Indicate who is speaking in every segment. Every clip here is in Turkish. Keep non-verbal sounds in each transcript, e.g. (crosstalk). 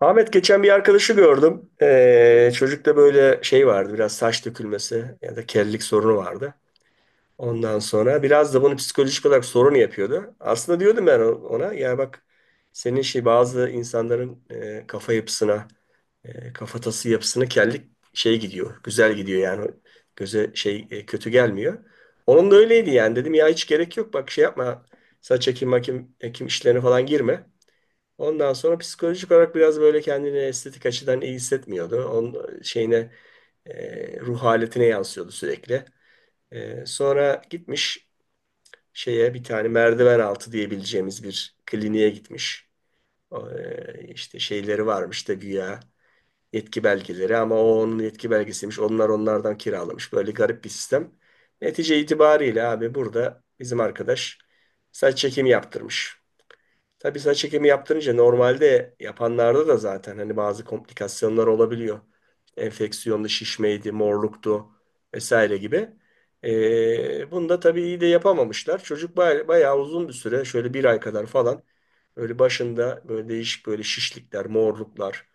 Speaker 1: Ahmet geçen bir arkadaşı gördüm. Çocukta böyle şey vardı, biraz saç dökülmesi ya da kellik sorunu vardı. Ondan sonra biraz da bunu psikolojik olarak sorun yapıyordu. Aslında diyordum ben ona, ya bak senin şey, bazı insanların kafa yapısına, kafatası yapısına kellik şey gidiyor. Güzel gidiyor yani, göze şey kötü gelmiyor. Onun da öyleydi yani, dedim ya hiç gerek yok, bak şey yapma, saç ekim makim ekim işlerine falan girme. Ondan sonra psikolojik olarak biraz böyle kendini estetik açıdan iyi hissetmiyordu. Onun şeyine ruh haletine yansıyordu sürekli. Sonra gitmiş şeye, bir tane merdiven altı diyebileceğimiz bir kliniğe gitmiş. O, işte şeyleri varmış da, güya yetki belgeleri, ama o onun yetki belgesiymiş. Onlar onlardan kiralamış. Böyle garip bir sistem. Netice itibariyle abi, burada bizim arkadaş saç çekimi yaptırmış. Tabii saç ekimi yaptırınca normalde yapanlarda da zaten hani bazı komplikasyonlar olabiliyor. Enfeksiyonlu şişmeydi, morluktu vesaire gibi. Bunu da tabii iyi de yapamamışlar. Çocuk bayağı uzun bir süre, şöyle bir ay kadar falan böyle başında böyle değişik böyle şişlikler, morluklar,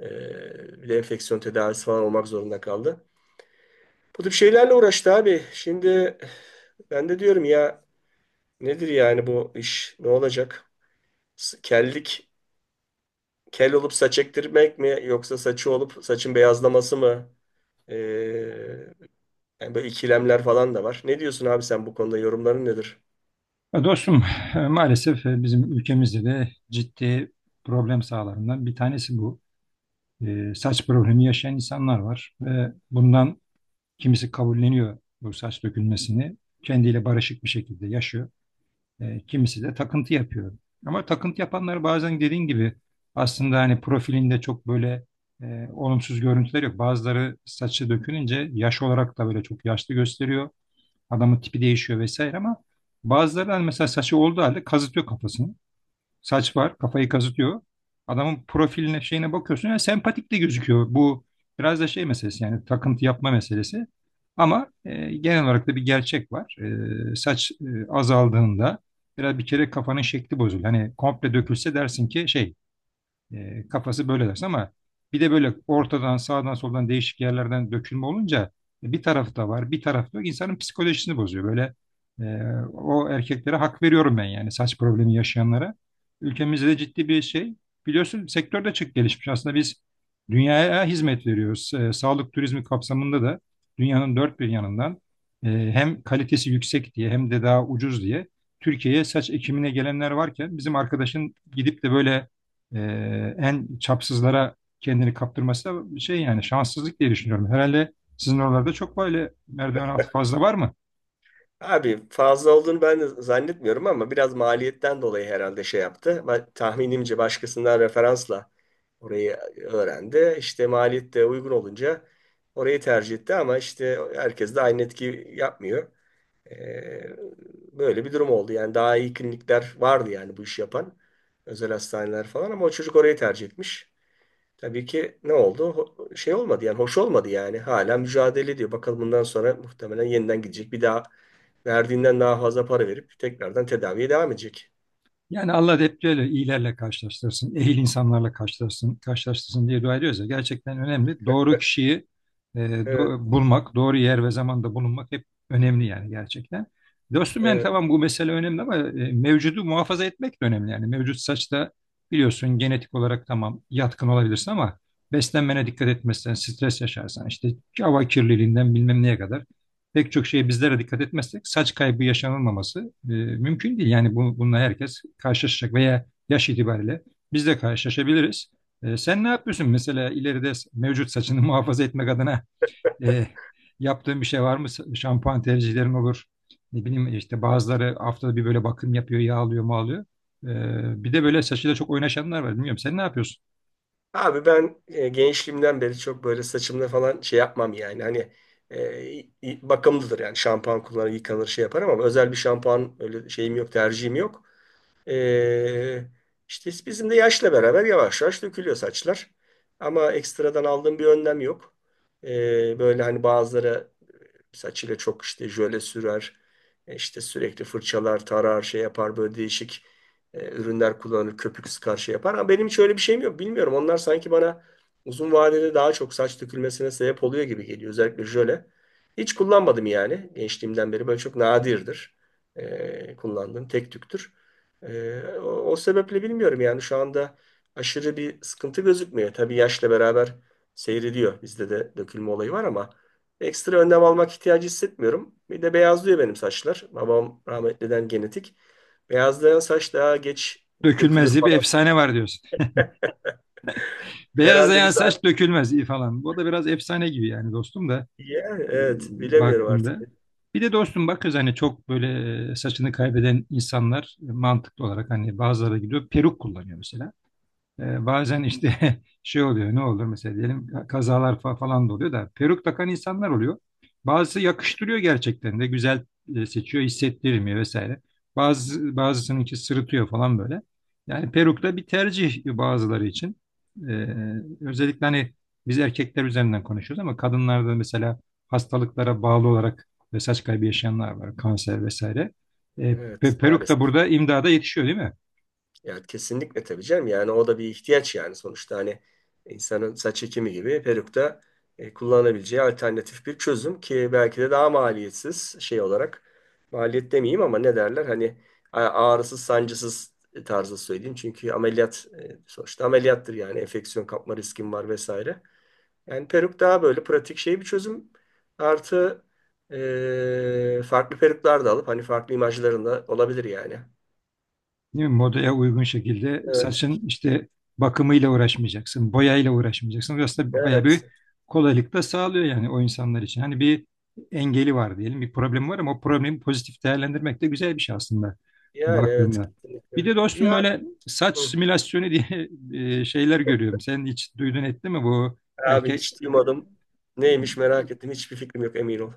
Speaker 1: bir de enfeksiyon tedavisi falan olmak zorunda kaldı. Bu tip şeylerle uğraştı abi. Şimdi ben de diyorum ya, nedir yani bu iş, ne olacak? Kellik, kel olup saç ektirmek mi, yoksa saçı olup saçın beyazlaması mı? Ee, Yani böyle ikilemler falan da var. Ne diyorsun abi, sen bu konuda yorumların nedir?
Speaker 2: Ya dostum, maalesef bizim ülkemizde de ciddi problem sahalarından bir tanesi bu. E, saç problemi yaşayan insanlar var ve bundan kimisi kabulleniyor bu saç dökülmesini, kendiyle barışık bir şekilde yaşıyor. E, kimisi de takıntı yapıyor. Ama takıntı yapanlar bazen dediğin gibi aslında hani profilinde çok böyle olumsuz görüntüler yok. Bazıları saçı dökülünce yaş olarak da böyle çok yaşlı gösteriyor. Adamın tipi değişiyor vesaire ama bazıları hani mesela saçı olduğu halde kazıtıyor kafasını. Saç var, kafayı kazıtıyor. Adamın profiline, şeyine bakıyorsun ya sempatik de gözüküyor. Bu biraz da şey meselesi, yani takıntı yapma meselesi. Ama genel olarak da bir gerçek var. E, saç azaldığında biraz bir kere kafanın şekli bozuluyor. Hani komple dökülse dersin ki şey, kafası böyle dersin, ama bir de böyle ortadan sağdan soldan değişik yerlerden dökülme olunca bir tarafı da var, bir tarafı da yok. İnsanın psikolojisini bozuyor. Böyle e, o erkeklere hak veriyorum ben, yani saç problemi yaşayanlara. Ülkemizde de ciddi bir şey. Biliyorsun, sektörde çok gelişmiş. Aslında biz dünyaya hizmet veriyoruz. E, sağlık turizmi kapsamında da dünyanın dört bir yanından hem kalitesi yüksek diye hem de daha ucuz diye Türkiye'ye saç ekimine gelenler varken bizim arkadaşın gidip de böyle e, en çapsızlara kendini kaptırması da şey, yani şanssızlık diye düşünüyorum. Herhalde sizin oralarda çok böyle merdiven altı fazla var mı?
Speaker 1: Abi fazla olduğunu ben de zannetmiyorum ama biraz maliyetten dolayı herhalde şey yaptı. Ben, tahminimce başkasından referansla orayı öğrendi. İşte maliyet de uygun olunca orayı tercih etti, ama işte herkes de aynı etki yapmıyor. Ee, Böyle bir durum oldu. Yani daha iyi klinikler vardı yani bu işi yapan. Özel hastaneler falan, ama o çocuk orayı tercih etmiş. Tabii ki ne oldu? Şey olmadı yani, hoş olmadı yani. Hala mücadele ediyor. Bakalım bundan sonra muhtemelen yeniden gidecek. Bir daha verdiğinden daha fazla para verip tekrardan tedaviye devam edecek.
Speaker 2: Yani Allah da hep böyle iyilerle karşılaştırsın, ehil insanlarla karşılaştırsın, karşılaştırsın diye dua ediyoruz ya, gerçekten önemli. Doğru kişiyi
Speaker 1: Evet,
Speaker 2: bulmak, doğru yer ve zamanda bulunmak hep önemli yani, gerçekten. Dostum yani
Speaker 1: evet.
Speaker 2: tamam, bu mesele önemli ama mevcudu muhafaza etmek de önemli yani. Mevcut saçta biliyorsun genetik olarak tamam yatkın olabilirsin, ama beslenmene dikkat etmezsen, stres yaşarsan, işte hava kirliliğinden bilmem neye kadar pek çok şeye bizlere dikkat etmezsek saç kaybı yaşanılmaması mümkün değil. Yani bununla herkes karşılaşacak veya yaş itibariyle biz de karşılaşabiliriz. E, sen ne yapıyorsun mesela ileride, mevcut saçını (laughs) muhafaza etmek adına e, yaptığın bir şey var mı? Şampuan tercihlerin olur. Ne bileyim, işte bazıları haftada bir böyle bakım yapıyor, yağlıyor, mağlıyor. E, bir de böyle saçıyla çok oynaşanlar var. Bilmiyorum, sen ne yapıyorsun?
Speaker 1: Abi ben gençliğimden beri çok böyle saçımda falan şey yapmam yani. Hani bakımlıdır yani, şampuan kullanır, yıkanır, şey yaparım, ama özel bir şampuan öyle şeyim yok, tercihim yok. Ee, işte bizim de yaşla beraber yavaş yavaş dökülüyor saçlar. Ama ekstradan aldığım bir önlem yok. Böyle hani bazıları saçıyla çok işte jöle sürer. İşte sürekli fırçalar, tarar, şey yapar, böyle değişik ürünler kullanır, köpük sıkar, şey yapar. Ama benim hiç öyle bir şeyim yok. Bilmiyorum. Onlar sanki bana uzun vadede daha çok saç dökülmesine sebep oluyor gibi geliyor. Özellikle jöle. Hiç kullanmadım yani gençliğimden beri. Böyle çok nadirdir kullandığım, tek tüktür. E, o, o sebeple bilmiyorum yani, şu anda aşırı bir sıkıntı gözükmüyor. Tabii yaşla beraber seyrediyor. Bizde de dökülme olayı var, ama ekstra önlem almak ihtiyacı hissetmiyorum. Bir de beyazlıyor benim saçlar. Babam rahmetliden genetik. Beyazlayan saç daha geç
Speaker 2: Dökülmez
Speaker 1: dökülür
Speaker 2: diye bir
Speaker 1: falan.
Speaker 2: efsane var diyorsun.
Speaker 1: Herhalde
Speaker 2: Beyazlayan
Speaker 1: biz
Speaker 2: saç
Speaker 1: artık...
Speaker 2: dökülmez iyi falan. Bu da biraz efsane gibi yani dostum da.
Speaker 1: Ya,
Speaker 2: e,
Speaker 1: evet, bilemiyorum artık.
Speaker 2: baktığında. Bir de dostum bak kız, hani çok böyle saçını kaybeden insanlar mantıklı olarak hani bazıları gidiyor peruk kullanıyor mesela. Bazen işte (laughs) şey oluyor, ne olur mesela diyelim, kazalar falan da oluyor da peruk takan insanlar oluyor. Bazısı yakıştırıyor, gerçekten de güzel seçiyor, hissettirmiyor vesaire. Bazısınınki sırıtıyor falan böyle. Yani peruk da bir tercih bazıları için. Ee, Özellikle hani biz erkekler üzerinden konuşuyoruz ama kadınlarda mesela hastalıklara bağlı olarak ve saç kaybı yaşayanlar var, kanser vesaire.
Speaker 1: Evet,
Speaker 2: Peruk da
Speaker 1: maalesef.
Speaker 2: burada imdada yetişiyor, değil mi?
Speaker 1: Ya, kesinlikle tabii canım. Yani o da bir ihtiyaç yani, sonuçta hani insanın saç ekimi gibi peruk da kullanabileceği alternatif bir çözüm, ki belki de daha maliyetsiz şey olarak, maliyet demeyeyim ama, ne derler hani, a- ağrısız sancısız tarzı söyleyeyim. Çünkü ameliyat, sonuçta ameliyattır yani, enfeksiyon kapma riskin var vesaire. Yani peruk daha böyle pratik şey bir çözüm. Artı farklı peruklar da alıp hani farklı imajlarında olabilir yani.
Speaker 2: Değil mi? Modaya uygun şekilde
Speaker 1: Evet,
Speaker 2: saçın işte bakımıyla uğraşmayacaksın, boyayla uğraşmayacaksın. Burası da bayağı bir
Speaker 1: evet.
Speaker 2: kolaylık da sağlıyor yani o insanlar için. Hani bir engeli var diyelim, bir problem var ama o problemi pozitif değerlendirmek de güzel bir şey aslında
Speaker 1: Yani evet,
Speaker 2: baktığında. Bir
Speaker 1: kesinlikle.
Speaker 2: de dostum
Speaker 1: Ya,
Speaker 2: böyle saç
Speaker 1: hı.
Speaker 2: simülasyonu diye (laughs) şeyler görüyorum. Sen hiç duydun ettin mi bu
Speaker 1: Abi
Speaker 2: erkek?
Speaker 1: hiç duymadım. Neymiş,
Speaker 2: e,
Speaker 1: merak ettim. Hiçbir fikrim yok, emin ol.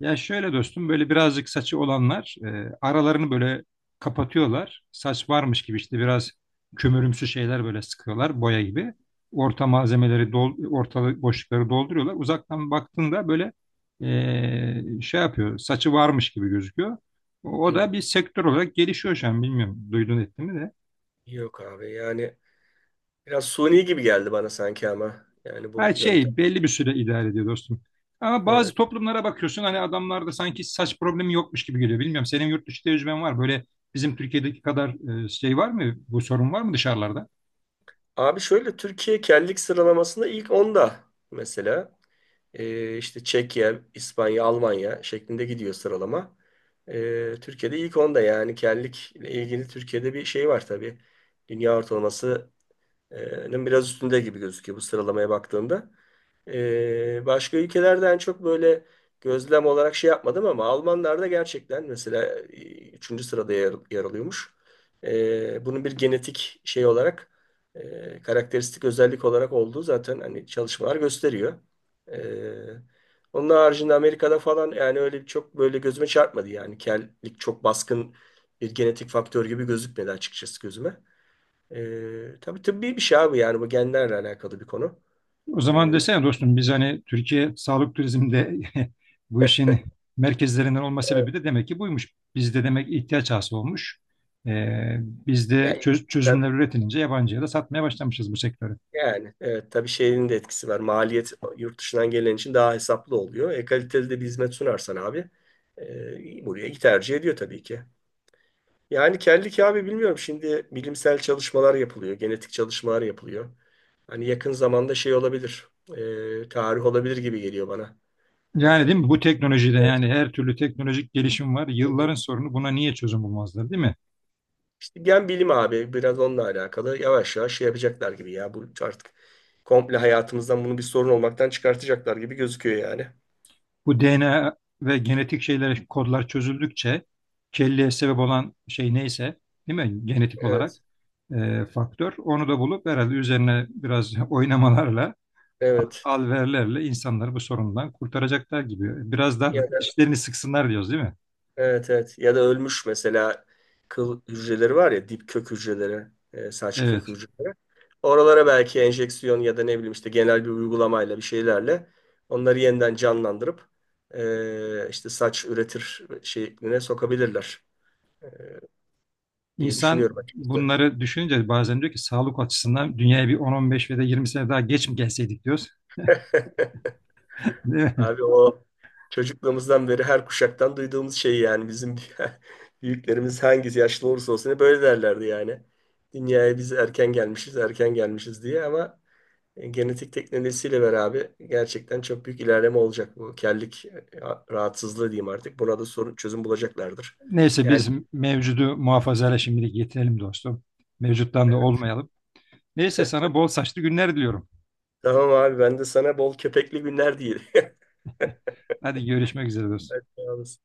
Speaker 2: Ya şöyle dostum, böyle birazcık saçı olanlar aralarını böyle kapatıyorlar. Saç varmış gibi, işte biraz kömürümsü şeyler böyle sıkıyorlar boya gibi. Ortalık boşlukları dolduruyorlar. Uzaktan baktığında böyle şey yapıyor, saçı varmış gibi gözüküyor. O da
Speaker 1: Hı.
Speaker 2: bir sektör olarak gelişiyor şu an, bilmiyorum duydun ettin mi de.
Speaker 1: Yok abi yani biraz suni gibi geldi bana sanki, ama. Yani
Speaker 2: Ha,
Speaker 1: bu
Speaker 2: şey
Speaker 1: yöntem.
Speaker 2: belli bir süre idare ediyor dostum. Ama bazı
Speaker 1: Evet.
Speaker 2: toplumlara bakıyorsun hani, adamlarda sanki saç problemi yokmuş gibi geliyor. Bilmiyorum, senin yurt dışı tecrüben var. Böyle bizim Türkiye'deki kadar şey var mı? Bu sorun var mı dışarılarda?
Speaker 1: Abi şöyle, Türkiye kellik sıralamasında ilk onda mesela. İşte Çekya, İspanya, Almanya şeklinde gidiyor sıralama. Türkiye'de ilk onda yani, kellik ile ilgili Türkiye'de bir şey var tabii. Dünya ortalamasının biraz üstünde gibi gözüküyor bu sıralamaya baktığında. Başka ülkelerden çok böyle gözlem olarak şey yapmadım, ama Almanlarda gerçekten mesela üçüncü sırada yer alıyormuş. Bunun bir genetik şey olarak, karakteristik özellik olarak olduğu zaten hani çalışmalar gösteriyor. Ee, Onun haricinde Amerika'da falan yani öyle çok böyle gözüme çarpmadı yani, kellik çok baskın bir genetik faktör gibi gözükmedi açıkçası gözüme. Tabii tıbbi bir şey abi yani, bu genlerle alakalı bir konu.
Speaker 2: O zaman
Speaker 1: Ee,
Speaker 2: desene dostum, biz hani Türkiye sağlık turizmde (laughs) bu işin merkezlerinden olma sebebi de demek ki buymuş. Bizde demek ihtiyaç hasıl olmuş. E, bizde
Speaker 1: Yani, tabii,
Speaker 2: çözümler üretilince yabancıya da satmaya başlamışız bu sektörü.
Speaker 1: yani evet tabii şeyin de etkisi var. Maliyet yurt dışından gelen için daha hesaplı oluyor. E kaliteli de bir hizmet sunarsan abi, buraya iyi tercih ediyor tabii ki. Yani kellik abi, bilmiyorum, şimdi bilimsel çalışmalar yapılıyor. Genetik çalışmalar yapılıyor. Hani yakın zamanda şey olabilir, tarih olabilir gibi geliyor bana. E,
Speaker 2: Yani değil mi? Bu teknolojide
Speaker 1: evet.
Speaker 2: yani her türlü teknolojik gelişim var. Yılların sorunu, buna niye çözüm bulmazlar değil mi?
Speaker 1: İşte gen bilimi abi, biraz onunla alakalı. Yavaş yavaş şey yapacaklar gibi ya. Bu artık komple hayatımızdan bunu bir sorun olmaktan çıkartacaklar gibi gözüküyor yani.
Speaker 2: Bu DNA ve genetik şeyler, kodlar çözüldükçe kelleye sebep olan şey neyse, değil mi? Genetik olarak
Speaker 1: Evet.
Speaker 2: faktör. Onu da bulup herhalde üzerine biraz (laughs) oynamalarla,
Speaker 1: Evet.
Speaker 2: alverlerle insanları bu sorundan kurtaracaklar gibi. Biraz daha
Speaker 1: Ya da,
Speaker 2: dişlerini sıksınlar diyoruz, değil mi?
Speaker 1: evet, evet. Ya da ölmüş mesela kıl hücreleri var ya, dip kök hücreleri, saç
Speaker 2: Evet.
Speaker 1: kök hücreleri. Oralara belki enjeksiyon ya da ne bileyim işte genel bir uygulamayla bir şeylerle onları yeniden canlandırıp işte saç üretir şekline sokabilirler e, diye
Speaker 2: İnsan
Speaker 1: düşünüyorum açıkçası.
Speaker 2: bunları düşününce bazen diyor ki, sağlık açısından dünyaya bir 10-15 ve de 20 sene daha geç mi gelseydik diyoruz. (laughs)
Speaker 1: Abi o çocukluğumuzdan beri her kuşaktan duyduğumuz şey yani, bizim (laughs) büyüklerimiz hangisi yaşlı olursa olsun hep böyle derlerdi yani. Dünyaya biz erken gelmişiz, erken gelmişiz diye, ama genetik teknolojisiyle beraber gerçekten çok büyük ilerleme olacak bu kellik rahatsızlığı diyeyim artık. Buna da sorun çözüm bulacaklardır.
Speaker 2: Neyse,
Speaker 1: Yani
Speaker 2: biz mevcudu muhafazayla şimdilik yetinelim dostum. Mevcuttan da
Speaker 1: e,
Speaker 2: olmayalım. Neyse, sana bol saçlı günler diliyorum.
Speaker 1: tamam abi, ben de sana bol köpekli günler diyeyim. (laughs)
Speaker 2: Hadi görüşmek üzere dostum.
Speaker 1: Hadi sağ olasın.